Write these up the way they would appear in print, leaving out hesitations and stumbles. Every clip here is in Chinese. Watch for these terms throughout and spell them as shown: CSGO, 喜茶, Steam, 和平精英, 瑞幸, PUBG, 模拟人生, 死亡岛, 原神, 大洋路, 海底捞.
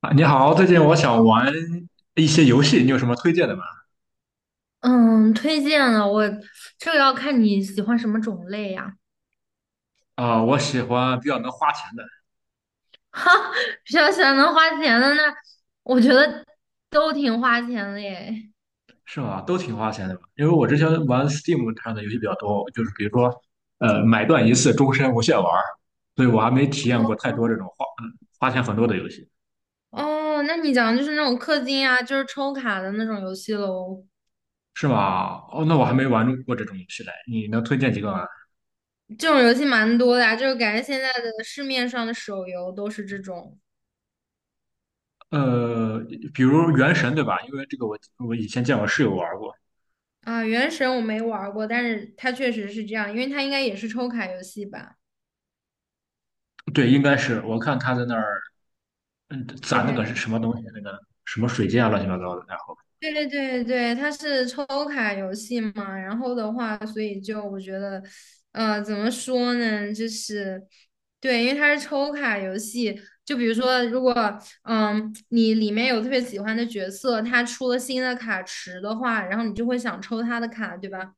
啊，你好，最近我想玩一些游戏，你有什么推荐的吗？嗯，推荐了我，这个要看你喜欢什么种类呀、啊，我喜欢比较能花钱的。哈，比较喜欢能花钱的那，我觉得都挺花钱的耶。是吗？都挺花钱的吧？因为我之前玩 Steam 上的游戏比较多，就是比如说，买断一次，终身无限玩儿，所以我还没体验过太多这种花钱很多的游戏。哦，那你讲的就是那种氪金啊，就是抽卡的那种游戏喽。是吗？哦，那我还没玩过这种游戏嘞，你能推荐几个吗？这种游戏蛮多的呀、就是感觉现在的市面上的手游都是这种呃，比如《原神》对吧？因为这个我以前见我室友玩过。啊。原神我没玩儿过，但是它确实是这样，因为它应该也是抽卡游戏吧。对，应该是我看他在那儿。嗯，攒那个对。是什么东西？那个什么水晶啊，乱七八糟的。然后，对对对，对，它是抽卡游戏嘛，然后的话，所以就我觉得，呃，怎么说呢，就是对，因为它是抽卡游戏，就比如说，如果你里面有特别喜欢的角色，它出了新的卡池的话，然后你就会想抽它的卡，对吧？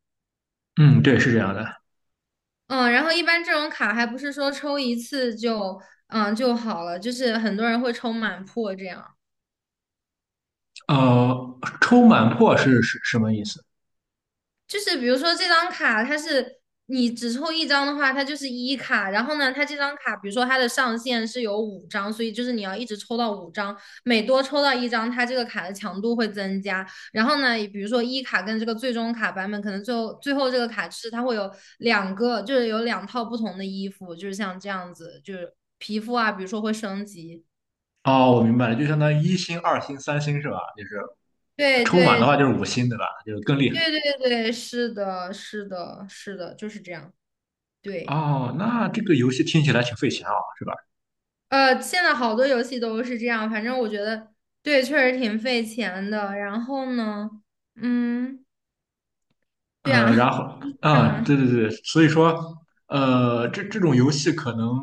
嗯，对，是这样的。嗯，然后一般这种卡还不是说抽一次就就好了，就是很多人会抽满破这样。呃，抽满破是什么意思？就是比如说这张卡，它是你只抽一张的话，它就是一卡。然后呢，它这张卡，比如说它的上限是有五张，所以就是你要一直抽到五张，每多抽到一张，它这个卡的强度会增加。然后呢，比如说一卡跟这个最终卡版本，可能最后这个卡是它会有两个，就是有两套不同的衣服，就是像这样子，就是皮肤啊，比如说会升级。哦，我明白了，就相当于一星、二星、三星是吧？就是对抽满对的话就是五星，对吧？就是更厉害。对对对对，是的，是的，是的，就是这样。对。哦，那这个游戏听起来挺费钱啊，是吧？呃，现在好多游戏都是这样，反正我觉得对，确实挺费钱的。然后呢，嗯，对啊，呃，然 后这样啊，啊，对，所以说，呃，这种游戏可能，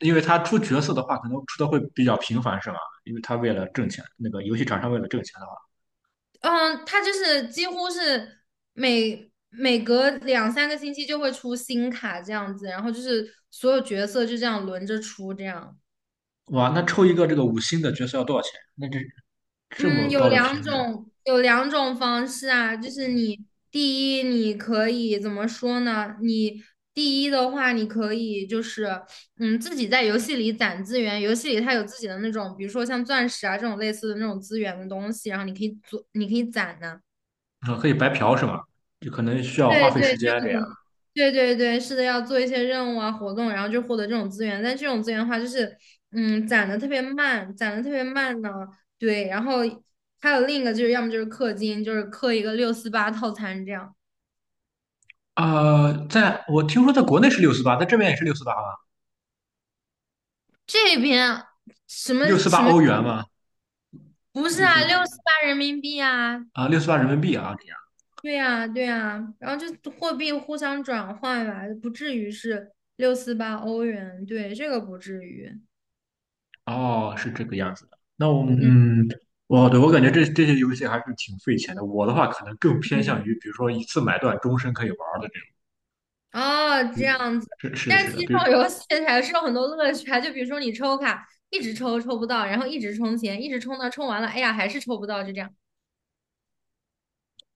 因为它出角色的话，可能出的会比较频繁，是吧？因为它为了挣钱，那个游戏厂商为了挣钱的话。嗯，它就是几乎是每隔两三个星期就会出新卡这样子，然后就是所有角色就这样轮着出这样。哇，那抽一个这个五星的角色要多少钱？那这这嗯，么有高的频两率，种，有两种方式啊，就是你第一，你可以怎么说呢？你第一的话，你可以就是，自己在游戏里攒资源，游戏里它有自己的那种，比如说像钻石啊这种类似的那种资源的东西，然后你可以做，你可以攒呢、啊，可以白嫖是吗？就可能需要花对费时对间这样。对对对，是的，要做一些任务啊、活动，然后就获得这种资源。但这种资源的话，就是，攒的特别慢，攒的特别慢呢。对，然后还有另一个就是，要么就是氪金，就是氪一个六四八套餐这样。呃，在我听说在国内是六四八，在这边也是六四八吗？这边什么六四八什么欧元吗？不是就啊，是六四八人民币啊，啊，六四八人民币啊，这样。对呀、对呀、然后就货币互相转换吧，不至于是六四八欧元，对，这个不至于。哦，是这个样子的。那我们嗯嗯，我对我感觉这这些游戏还是挺费钱的。我的话可能更偏嗯。向于，比如说一次买断，终身可以玩儿的这种。哦，这样子。是的，但是是的，其实比如这种游戏还是有很多乐趣啊，就比如说你抽卡，一直抽抽不到，然后一直充钱，一直充到充完了，哎呀，还是抽不到，就这样。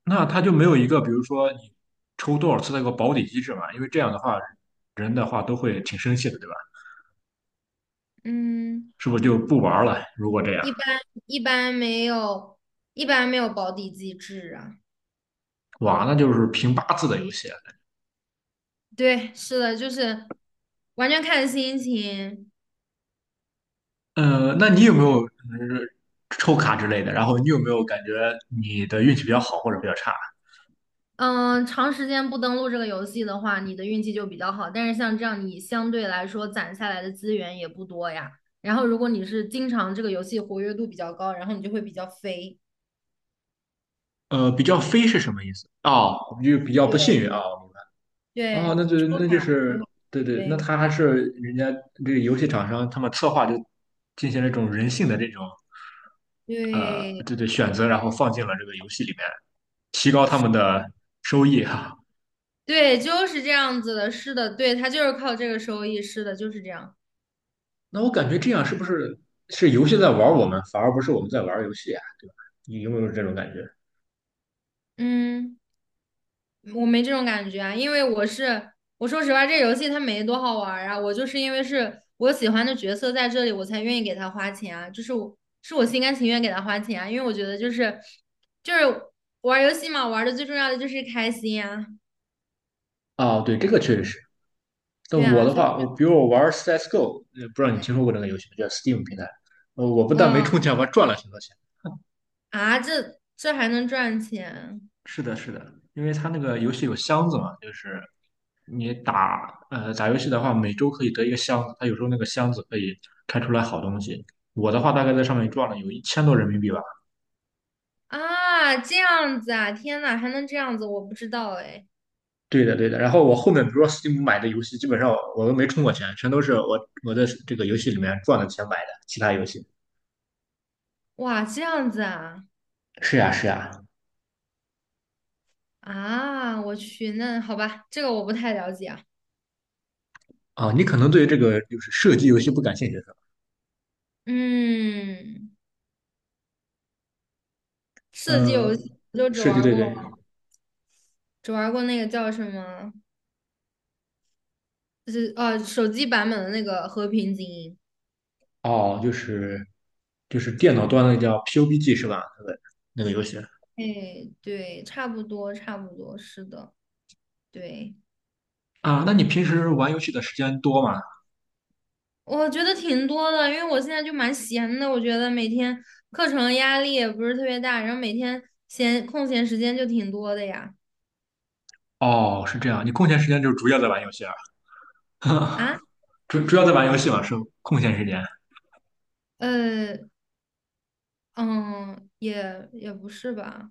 那它就没有一个，比如说你抽多少次的一个保底机制嘛？因为这样的话，人的话都会挺生气的，对吧？嗯，是不是就不玩了？如果这样，一般一般没有，一般没有保底机制啊。哇，那就是凭八字的游戏。对，是的，就是完全看心情。呃，那你有没有嗯抽卡之类的？然后你有没有感觉你的运气比较好或者比较差？嗯，长时间不登录这个游戏的话，你的运气就比较好。但是像这样，你相对来说攒下来的资源也不多呀。然后，如果你是经常这个游戏活跃度比较高，然后你就会比较肥。呃，比较飞是什么意思？哦，就比较不对幸运啊。哦，那对，就抽卡对对，那对他还是人家这个游戏厂商他们策划就进行了一种人性的这种对对对选择，然后放进了这个游戏里面，提高他们的收益哈。对，就是这样子的。是的，对，它就是靠这个收益。是的，就是这样。那我感觉这样是不是是游戏在玩我们，反而不是我们在玩游戏啊，对吧？你有没有这种感觉？嗯。我没这种感觉啊，因为我说实话，这游戏它没多好玩儿啊，我就是因为是我喜欢的角色在这里，我才愿意给他花钱啊，我心甘情愿给他花钱啊，因为我觉得就是玩儿游戏嘛，玩儿的最重要的就是开心啊，啊，对，这个确实是。但对我啊，的所以话，我觉我比如我玩 CSGO，不知道你听说得过这个游戏吗？叫 Steam 平台。呃，我不但没嗯充钱，我还赚了很多钱。啊，这这还能赚钱是的，是的，因为它那个游戏有箱子嘛，就是你打打游戏的话，每周可以得一个箱子，它有时候那个箱子可以开出来好东西。我的话大概在上面赚了有一千多人民币吧。啊，这样子啊，天呐，还能这样子，我不知道哎，对的，对的。然后我后面比如说 Steam 买的游戏，基本上我都没充过钱，全都是我这个游戏里面赚的钱买的其他游戏。哇，这样子啊是呀，是呀。啊，我去，那好吧，这个我不太了解啊。啊，你可能对这个就是射击游戏不感兴趣是吧？嗯，刺激游呃，戏我就只射击，玩对过，对。只玩过那个叫什么，就是手机版本的那个《和平精英》。哦，就是电脑端的叫 PUBG 是吧？那个游戏。哎，对，差不多，差不多，是的，对，啊，那你平时玩游戏的时间多吗？我觉得挺多的，因为我现在就蛮闲的，我觉得每天课程压力也不是特别大，然后每天空闲时间就挺多的呀。哦，是这样，你空闲时间就是主要在玩游戏啊，啊，主要在玩游戏嘛，是空闲时间，呃，嗯，也不是吧，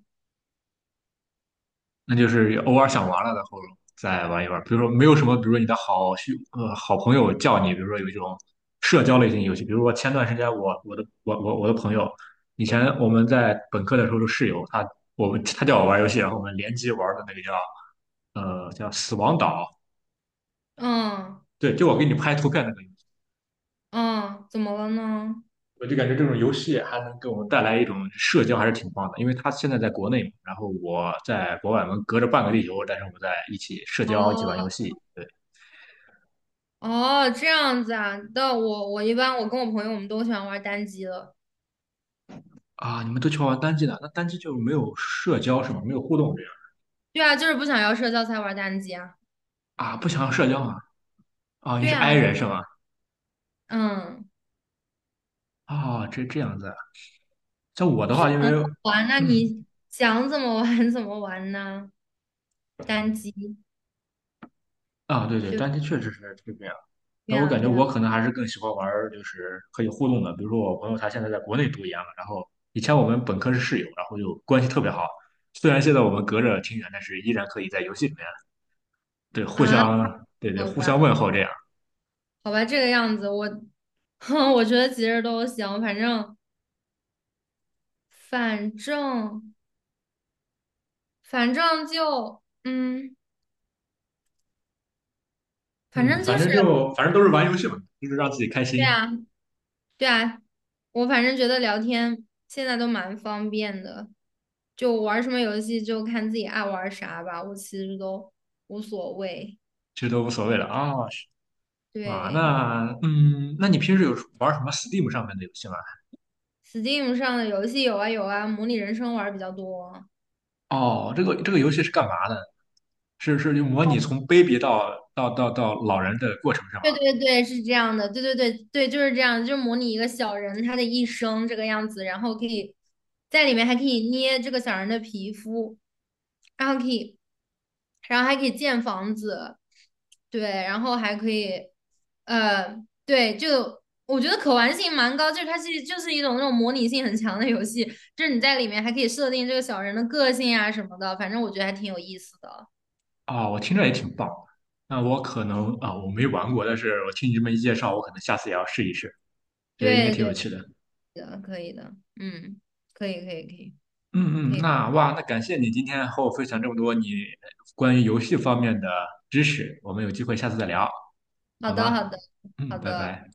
那就是偶尔想玩了，然后再玩一玩。比如说没有什么，比如说你的好兄呃好朋友叫你，比如说有一种社交类型游戏，比如说前段时间我的朋友，以前我们在本科的时候的室友，他叫我玩游戏，然后我们联机玩的那个叫叫死亡岛，嗯对，就我给你拍图片那个。嗯，怎么了呢？我就感觉这种游戏还能给我们带来一种社交，还是挺棒的。因为他现在在国内嘛，然后我在国外，我们隔着半个地球，但是我们在一起社交，一起玩游哦。戏。对哦，这样子啊，那我一般我跟我朋友我们都喜欢玩单机了。啊，你们都喜欢玩单机的，那单机就没有社交是吗？没有互动这样对啊，就是不想要社交才玩单机啊。啊？不想要社交啊？啊，你对是 i 啊，人是吗？嗯，啊，这这样子啊像我的就话，因很为好玩那嗯，你想怎么玩 怎么玩呢？单机，啊，对对，对单机确实是这个样。对但我啊，感觉对啊，我可能还是更喜欢玩儿就是可以互动的，比如说我朋友他现在在国内读研了，然后以前我们本科是室友，然后就关系特别好。虽然现在我们隔着挺远，但是依然可以在游戏里面对互啊，相对对好互吧，相问候这样。好吧，这个样子，我，哼，我觉得其实都行，反正反正就嗯，反嗯，正反就是正就反正都是玩游戏嘛，就是让自己开对心，啊，对啊，我反正觉得聊天现在都蛮方便的，就玩什么游戏就看自己爱玩啥吧，我其实都无所谓。其实都无所谓了啊、是啊，对那嗯，那你平时有玩什么 Steam 上面的游戏吗？，Steam 上的游戏有啊有啊，模拟人生玩儿比较多。哦，这个游戏是干嘛的？是是就模拟从 baby 到老人的过程是吗？对对对，是这样的，对对对对，就是这样，就是模拟一个小人他的一生这个样子，然后可以在里面还可以捏这个小人的皮肤，然后可以然后还可以建房子，对，然后还可以，呃，对，我觉得可玩性蛮高，它是一种那种模拟性很强的游戏，就是你在里面还可以设定这个小人的个性啊什么的，反正我觉得还挺有意思的。啊，我听着也挺棒。那我可能啊，我没玩过，但是我听你这么一介绍，我可能下次也要试一试，觉得应该对挺有对趣的。的，可以的，嗯，可以可以可以嗯可嗯，以，那哇，那感谢你今天和我分享这么多你关于游戏方面的知识，我们有机会下次再聊，好好的好吗？的好嗯，拜的。拜。